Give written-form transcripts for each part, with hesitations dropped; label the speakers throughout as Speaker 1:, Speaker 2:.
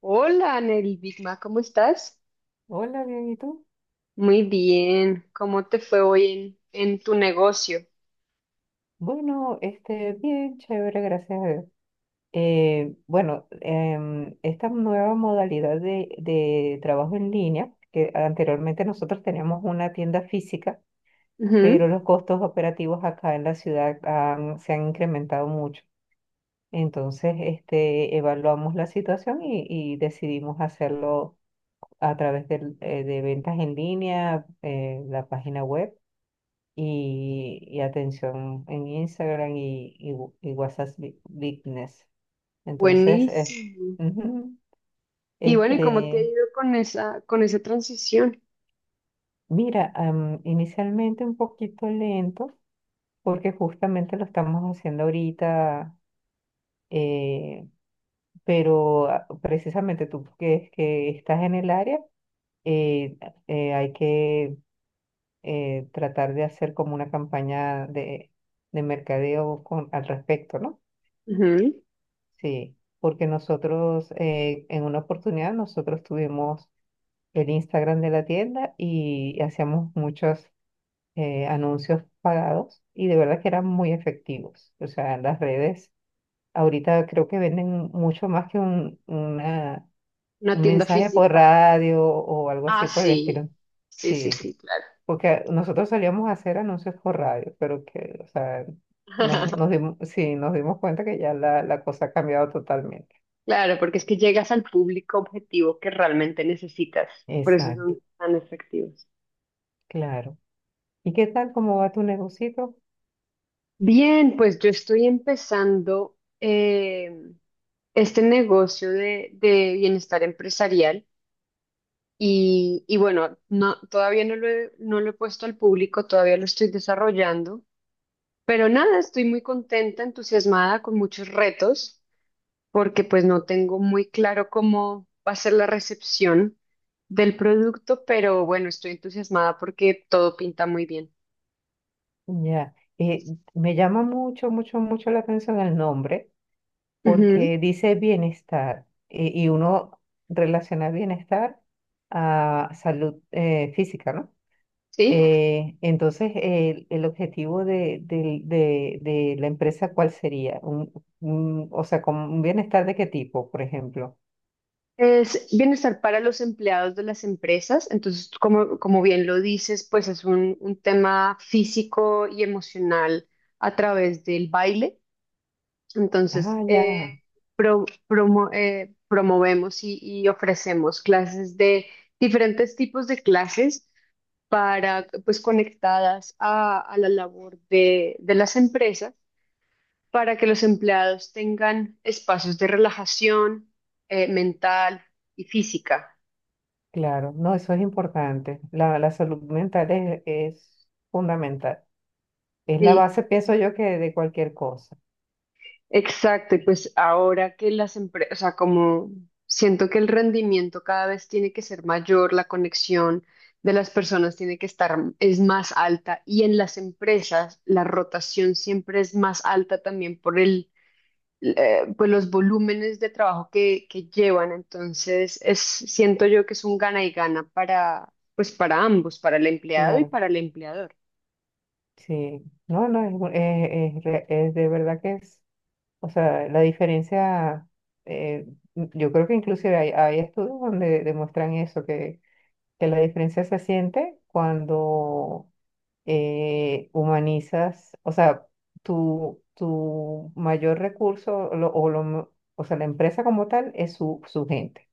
Speaker 1: Hola, Nelly Bigma, ¿cómo estás?
Speaker 2: Hola, bien, ¿y tú?
Speaker 1: Muy bien. ¿Cómo te fue hoy en tu negocio?
Speaker 2: Bueno, bien, chévere, gracias a Dios. Esta nueva modalidad de trabajo en línea, que anteriormente nosotros teníamos una tienda física,
Speaker 1: Ujú.
Speaker 2: pero los costos operativos acá en la ciudad se han incrementado mucho. Entonces, evaluamos la situación y decidimos hacerlo a través del, de ventas en línea, la página web. Y atención en Instagram y WhatsApp Business. Entonces,
Speaker 1: Buenísimo.
Speaker 2: ujú,
Speaker 1: Y bueno, ¿y cómo te ha
Speaker 2: este,
Speaker 1: ido con esa transición?
Speaker 2: mira, inicialmente un poquito lento, porque justamente lo estamos haciendo ahorita, eh, pero precisamente tú es que estás en el área, eh, hay que tratar de hacer como una campaña de mercadeo con, al respecto, ¿no?
Speaker 1: Ujú.
Speaker 2: Sí, porque nosotros en una oportunidad nosotros tuvimos el Instagram de la tienda y hacíamos muchos anuncios pagados y de verdad que eran muy efectivos. O sea, las redes ahorita creo que venden mucho más que
Speaker 1: Una
Speaker 2: un
Speaker 1: tienda
Speaker 2: mensaje por
Speaker 1: física.
Speaker 2: radio o algo
Speaker 1: Ah,
Speaker 2: así por el estilo.
Speaker 1: sí. Sí, sí,
Speaker 2: Sí,
Speaker 1: sí, claro.
Speaker 2: porque nosotros solíamos hacer anuncios por radio, pero que, o sea, nos dimos, sí, nos dimos cuenta que ya la cosa ha cambiado totalmente.
Speaker 1: Claro, porque es que llegas al público objetivo que realmente necesitas. Por eso
Speaker 2: Exacto,
Speaker 1: son tan efectivos.
Speaker 2: claro. ¿Y qué tal? ¿Cómo va tu negocito?
Speaker 1: Bien, pues yo estoy empezando este negocio de bienestar empresarial. Y bueno, no, todavía no lo he, no lo he puesto al público, todavía lo estoy desarrollando, pero nada, estoy muy contenta, entusiasmada, con muchos retos, porque pues no tengo muy claro cómo va a ser la recepción del producto, pero bueno, estoy entusiasmada porque todo pinta muy bien.
Speaker 2: Ya, me llama mucho, mucho, mucho la atención el nombre
Speaker 1: Ujú.
Speaker 2: porque dice bienestar y uno relaciona bienestar a salud física, ¿no?
Speaker 1: Sí,
Speaker 2: Entonces, el objetivo de de la empresa, ¿cuál sería? O sea, ¿con un bienestar de qué tipo, por ejemplo?
Speaker 1: es bienestar para los empleados de las empresas, entonces como, como bien lo dices, pues es un tema físico y emocional a través del baile. Entonces,
Speaker 2: Ah, ya.
Speaker 1: promovemos y ofrecemos clases de diferentes tipos de clases para, pues, conectadas a la labor de las empresas para que los empleados tengan espacios de relajación mental y física.
Speaker 2: Claro, no, eso es importante. La salud mental es fundamental. Es la
Speaker 1: ¿Sí?
Speaker 2: base, pienso yo, que de cualquier cosa.
Speaker 1: Exacto, y pues ahora que las empresas, o sea, como siento que el rendimiento cada vez tiene que ser mayor, la conexión de las personas tiene que estar, es más alta, y en las empresas la rotación siempre es más alta también por pues los volúmenes de trabajo que llevan, entonces es, siento yo que es un gana y gana para, pues para ambos, para el empleado y
Speaker 2: Claro,
Speaker 1: para el empleador.
Speaker 2: sí. No, no, es, es de verdad que es, o sea, la diferencia, eh, yo creo que inclusive hay, hay estudios donde demuestran eso, que la diferencia se siente cuando humanizas, o sea, tu mayor recurso lo- o, lo mo- o sea, la empresa como tal es su, su gente.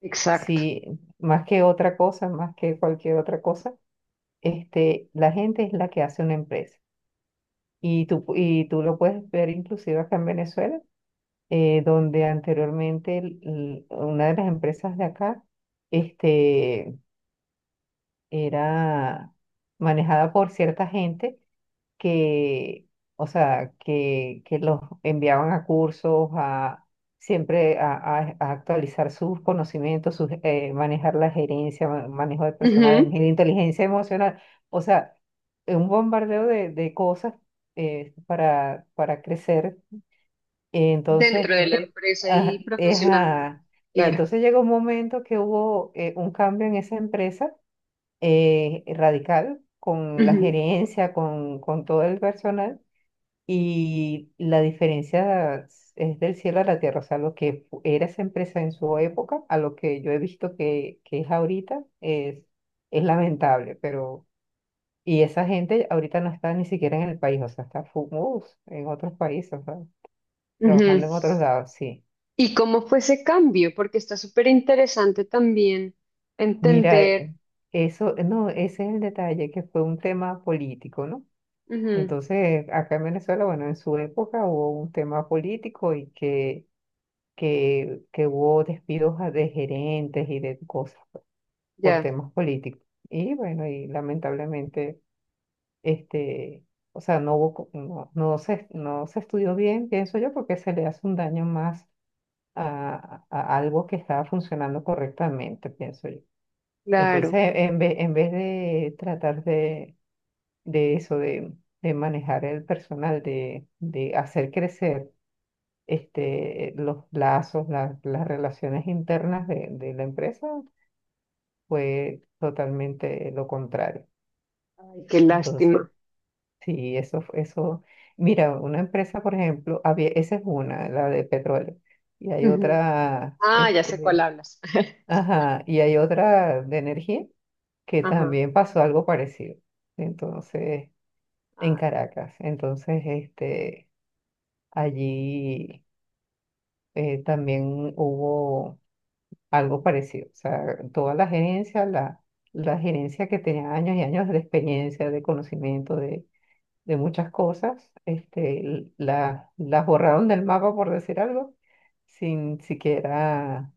Speaker 1: Exacto.
Speaker 2: Si más que otra cosa, más que cualquier otra cosa, la gente es la que hace una empresa. Y tú, y tú lo puedes ver inclusive acá en Venezuela, donde anteriormente una de las empresas de acá, este era manejada por cierta gente que, o sea, que los enviaban a cursos, a siempre a actualizar sus conocimientos, sus, manejar la gerencia, manejo de personal,
Speaker 1: Ujú.
Speaker 2: de inteligencia emocional, o sea, un bombardeo de cosas para crecer. Entonces,
Speaker 1: Dentro de la empresa y
Speaker 2: ajá, es,
Speaker 1: profesionalmente.
Speaker 2: ah, y
Speaker 1: Claro.
Speaker 2: entonces llegó un momento que hubo un cambio en esa empresa radical con la
Speaker 1: Ujú,
Speaker 2: gerencia, con todo el personal, y la diferencia es del cielo a la tierra, o sea, lo que era esa empresa en su época a lo que yo he visto que es ahorita es lamentable, pero... Y esa gente ahorita no está ni siquiera en el país, o sea, está en otros países, o sea,
Speaker 1: ujú.
Speaker 2: trabajando en otros lados, sí.
Speaker 1: ¿Y cómo fue ese cambio? Porque está súper interesante también
Speaker 2: Mira,
Speaker 1: entender.
Speaker 2: eso, no, ese es el detalle, que fue un tema político, ¿no?
Speaker 1: Ujú.
Speaker 2: Entonces, acá en Venezuela, bueno, en su época hubo un tema político y que, que hubo despidos de gerentes y de cosas por
Speaker 1: Ya,
Speaker 2: temas políticos. Y bueno, y lamentablemente, este, o sea, no, no se estudió bien, pienso yo, porque se le hace un daño más a algo que estaba funcionando correctamente, pienso yo.
Speaker 1: claro.
Speaker 2: Entonces, en vez de tratar de eso, de, manejar el personal, de hacer crecer los lazos, las relaciones internas de la empresa, fue totalmente lo contrario.
Speaker 1: Ay, qué
Speaker 2: Entonces,
Speaker 1: lástima.
Speaker 2: sí, eso, mira, una empresa, por ejemplo, había, esa es una, la de petróleo, y hay
Speaker 1: Ujú.
Speaker 2: otra,
Speaker 1: Ah, ya sé cuál hablas.
Speaker 2: ajá, y hay otra de energía que
Speaker 1: Ajá.
Speaker 2: también pasó algo parecido. Entonces, en
Speaker 1: Ah,
Speaker 2: Caracas. Entonces, allí también hubo algo parecido. O sea, toda la gerencia, la gerencia que tenía años y años de experiencia, de conocimiento de muchas cosas, las borraron del mapa, por decir algo, sin siquiera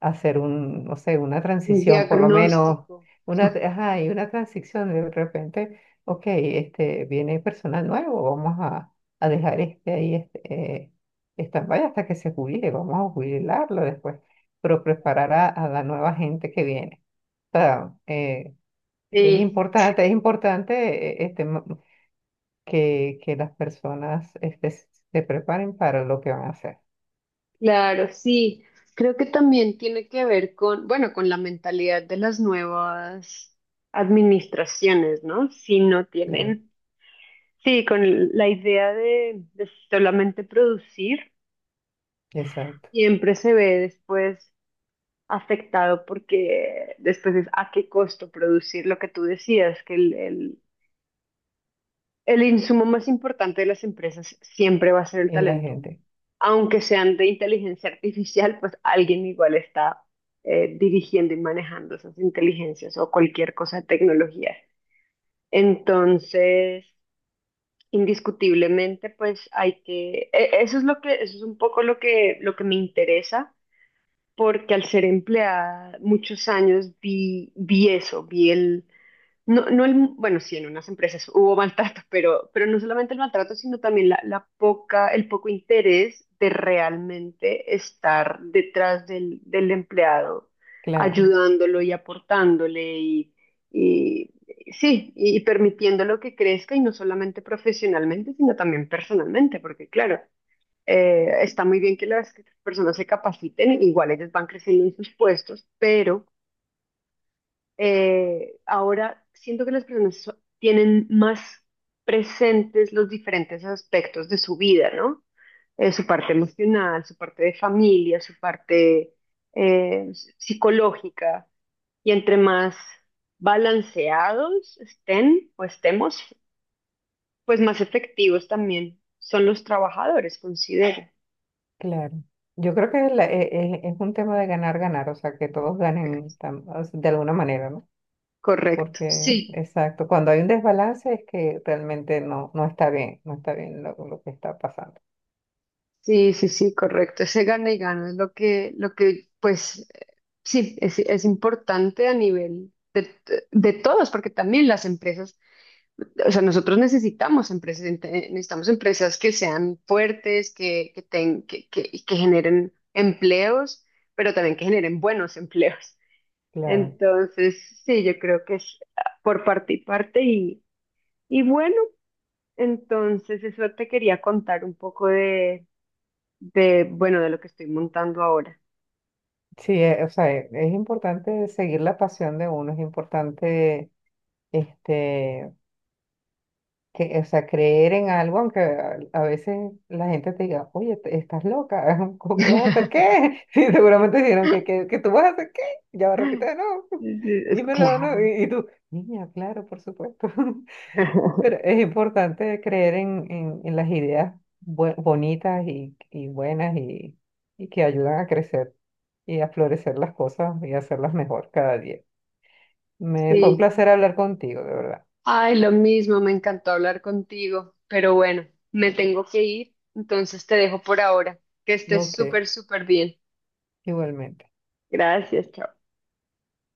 Speaker 2: hacer un, no sé, una
Speaker 1: un
Speaker 2: transición, por lo menos,
Speaker 1: diagnóstico.
Speaker 2: ajá, y una transición de repente, ok, viene personal nuevo, vamos a dejar este ahí, eh, stand-by hasta que se jubile, vamos a jubilarlo después, pero preparar a la nueva gente que viene. O sea,
Speaker 1: Sí,
Speaker 2: es importante, que las personas, se preparen para lo que van a hacer.
Speaker 1: claro, sí. Creo que también tiene que ver con, bueno, con la mentalidad de las nuevas administraciones, ¿no? Si no
Speaker 2: Claro,
Speaker 1: tienen, sí, con la idea de solamente producir
Speaker 2: exacto,
Speaker 1: siempre se ve después afectado porque después es a qué costo producir lo que tú decías, que el insumo más importante de las empresas siempre va a ser el
Speaker 2: es la
Speaker 1: talento humano.
Speaker 2: gente,
Speaker 1: Aunque sean de inteligencia artificial, pues alguien igual está dirigiendo y manejando esas inteligencias o cualquier cosa de tecnología. Entonces, indiscutiblemente, pues hay que, eso es lo que, eso es un poco lo que me interesa porque al ser empleada muchos años vi, vi eso, vi el, no, no el, bueno, sí, en unas empresas hubo maltrato, pero no solamente el maltrato, sino también la poca, el poco interés de realmente estar detrás del empleado,
Speaker 2: claro.
Speaker 1: ayudándolo y aportándole y sí, y permitiéndolo que crezca y no solamente profesionalmente, sino también personalmente, porque claro. Está muy bien que las personas se capaciten, igual ellas van creciendo en sus puestos, pero ahora siento que las personas tienen más presentes los diferentes aspectos de su vida, ¿no? Su parte emocional, su parte de familia, su parte psicológica, y entre más balanceados estén o estemos, pues más efectivos también son los trabajadores, considero.
Speaker 2: Claro. Yo creo que es un tema de ganar, ganar, o sea, que todos ganen o sea, de alguna manera, ¿no?
Speaker 1: Correcto.
Speaker 2: Porque,
Speaker 1: Sí.
Speaker 2: exacto, cuando hay un desbalance es que realmente no, no está bien, no está bien lo que está pasando.
Speaker 1: Sí, sí, sí, correcto. Ese gana y gana es lo que, pues, sí, es importante a nivel de todos, porque también las empresas, o sea, nosotros necesitamos empresas, necesitamos empresas que sean fuertes, que, ten- que, y que generen empleos, pero también que generen buenos empleos.
Speaker 2: Claro.
Speaker 1: Entonces, sí, yo creo que es por parte y parte y bueno, entonces eso te quería contar un poco de, bueno, de lo que estoy montando ahora.
Speaker 2: Sí, o sea, es importante seguir la pasión de uno, es importante, este, que, o sea, creer en algo, aunque a veces la gente te diga, oye, estás loca, ¿cómo que vas a hacer qué? Sí, seguramente dijeron que, que tú vas a hacer qué, ya va, repite de nuevo,
Speaker 1: Es-
Speaker 2: dímelo de nuevo,
Speaker 1: Claro.
Speaker 2: y tú, niña, claro, por supuesto, pero es importante creer en las ideas bonitas y buenas y que ayudan a crecer y a florecer las cosas y hacerlas mejor cada día.
Speaker 1: Sí.
Speaker 2: Me fue un
Speaker 1: Sí,
Speaker 2: placer hablar contigo, de verdad.
Speaker 1: ay, lo mismo, me encantó hablar contigo, pero bueno, me tengo que ir, entonces te dejo por ahora. Que estés
Speaker 2: Ok,
Speaker 1: súper, súper bien.
Speaker 2: igualmente.
Speaker 1: Gracias, chao.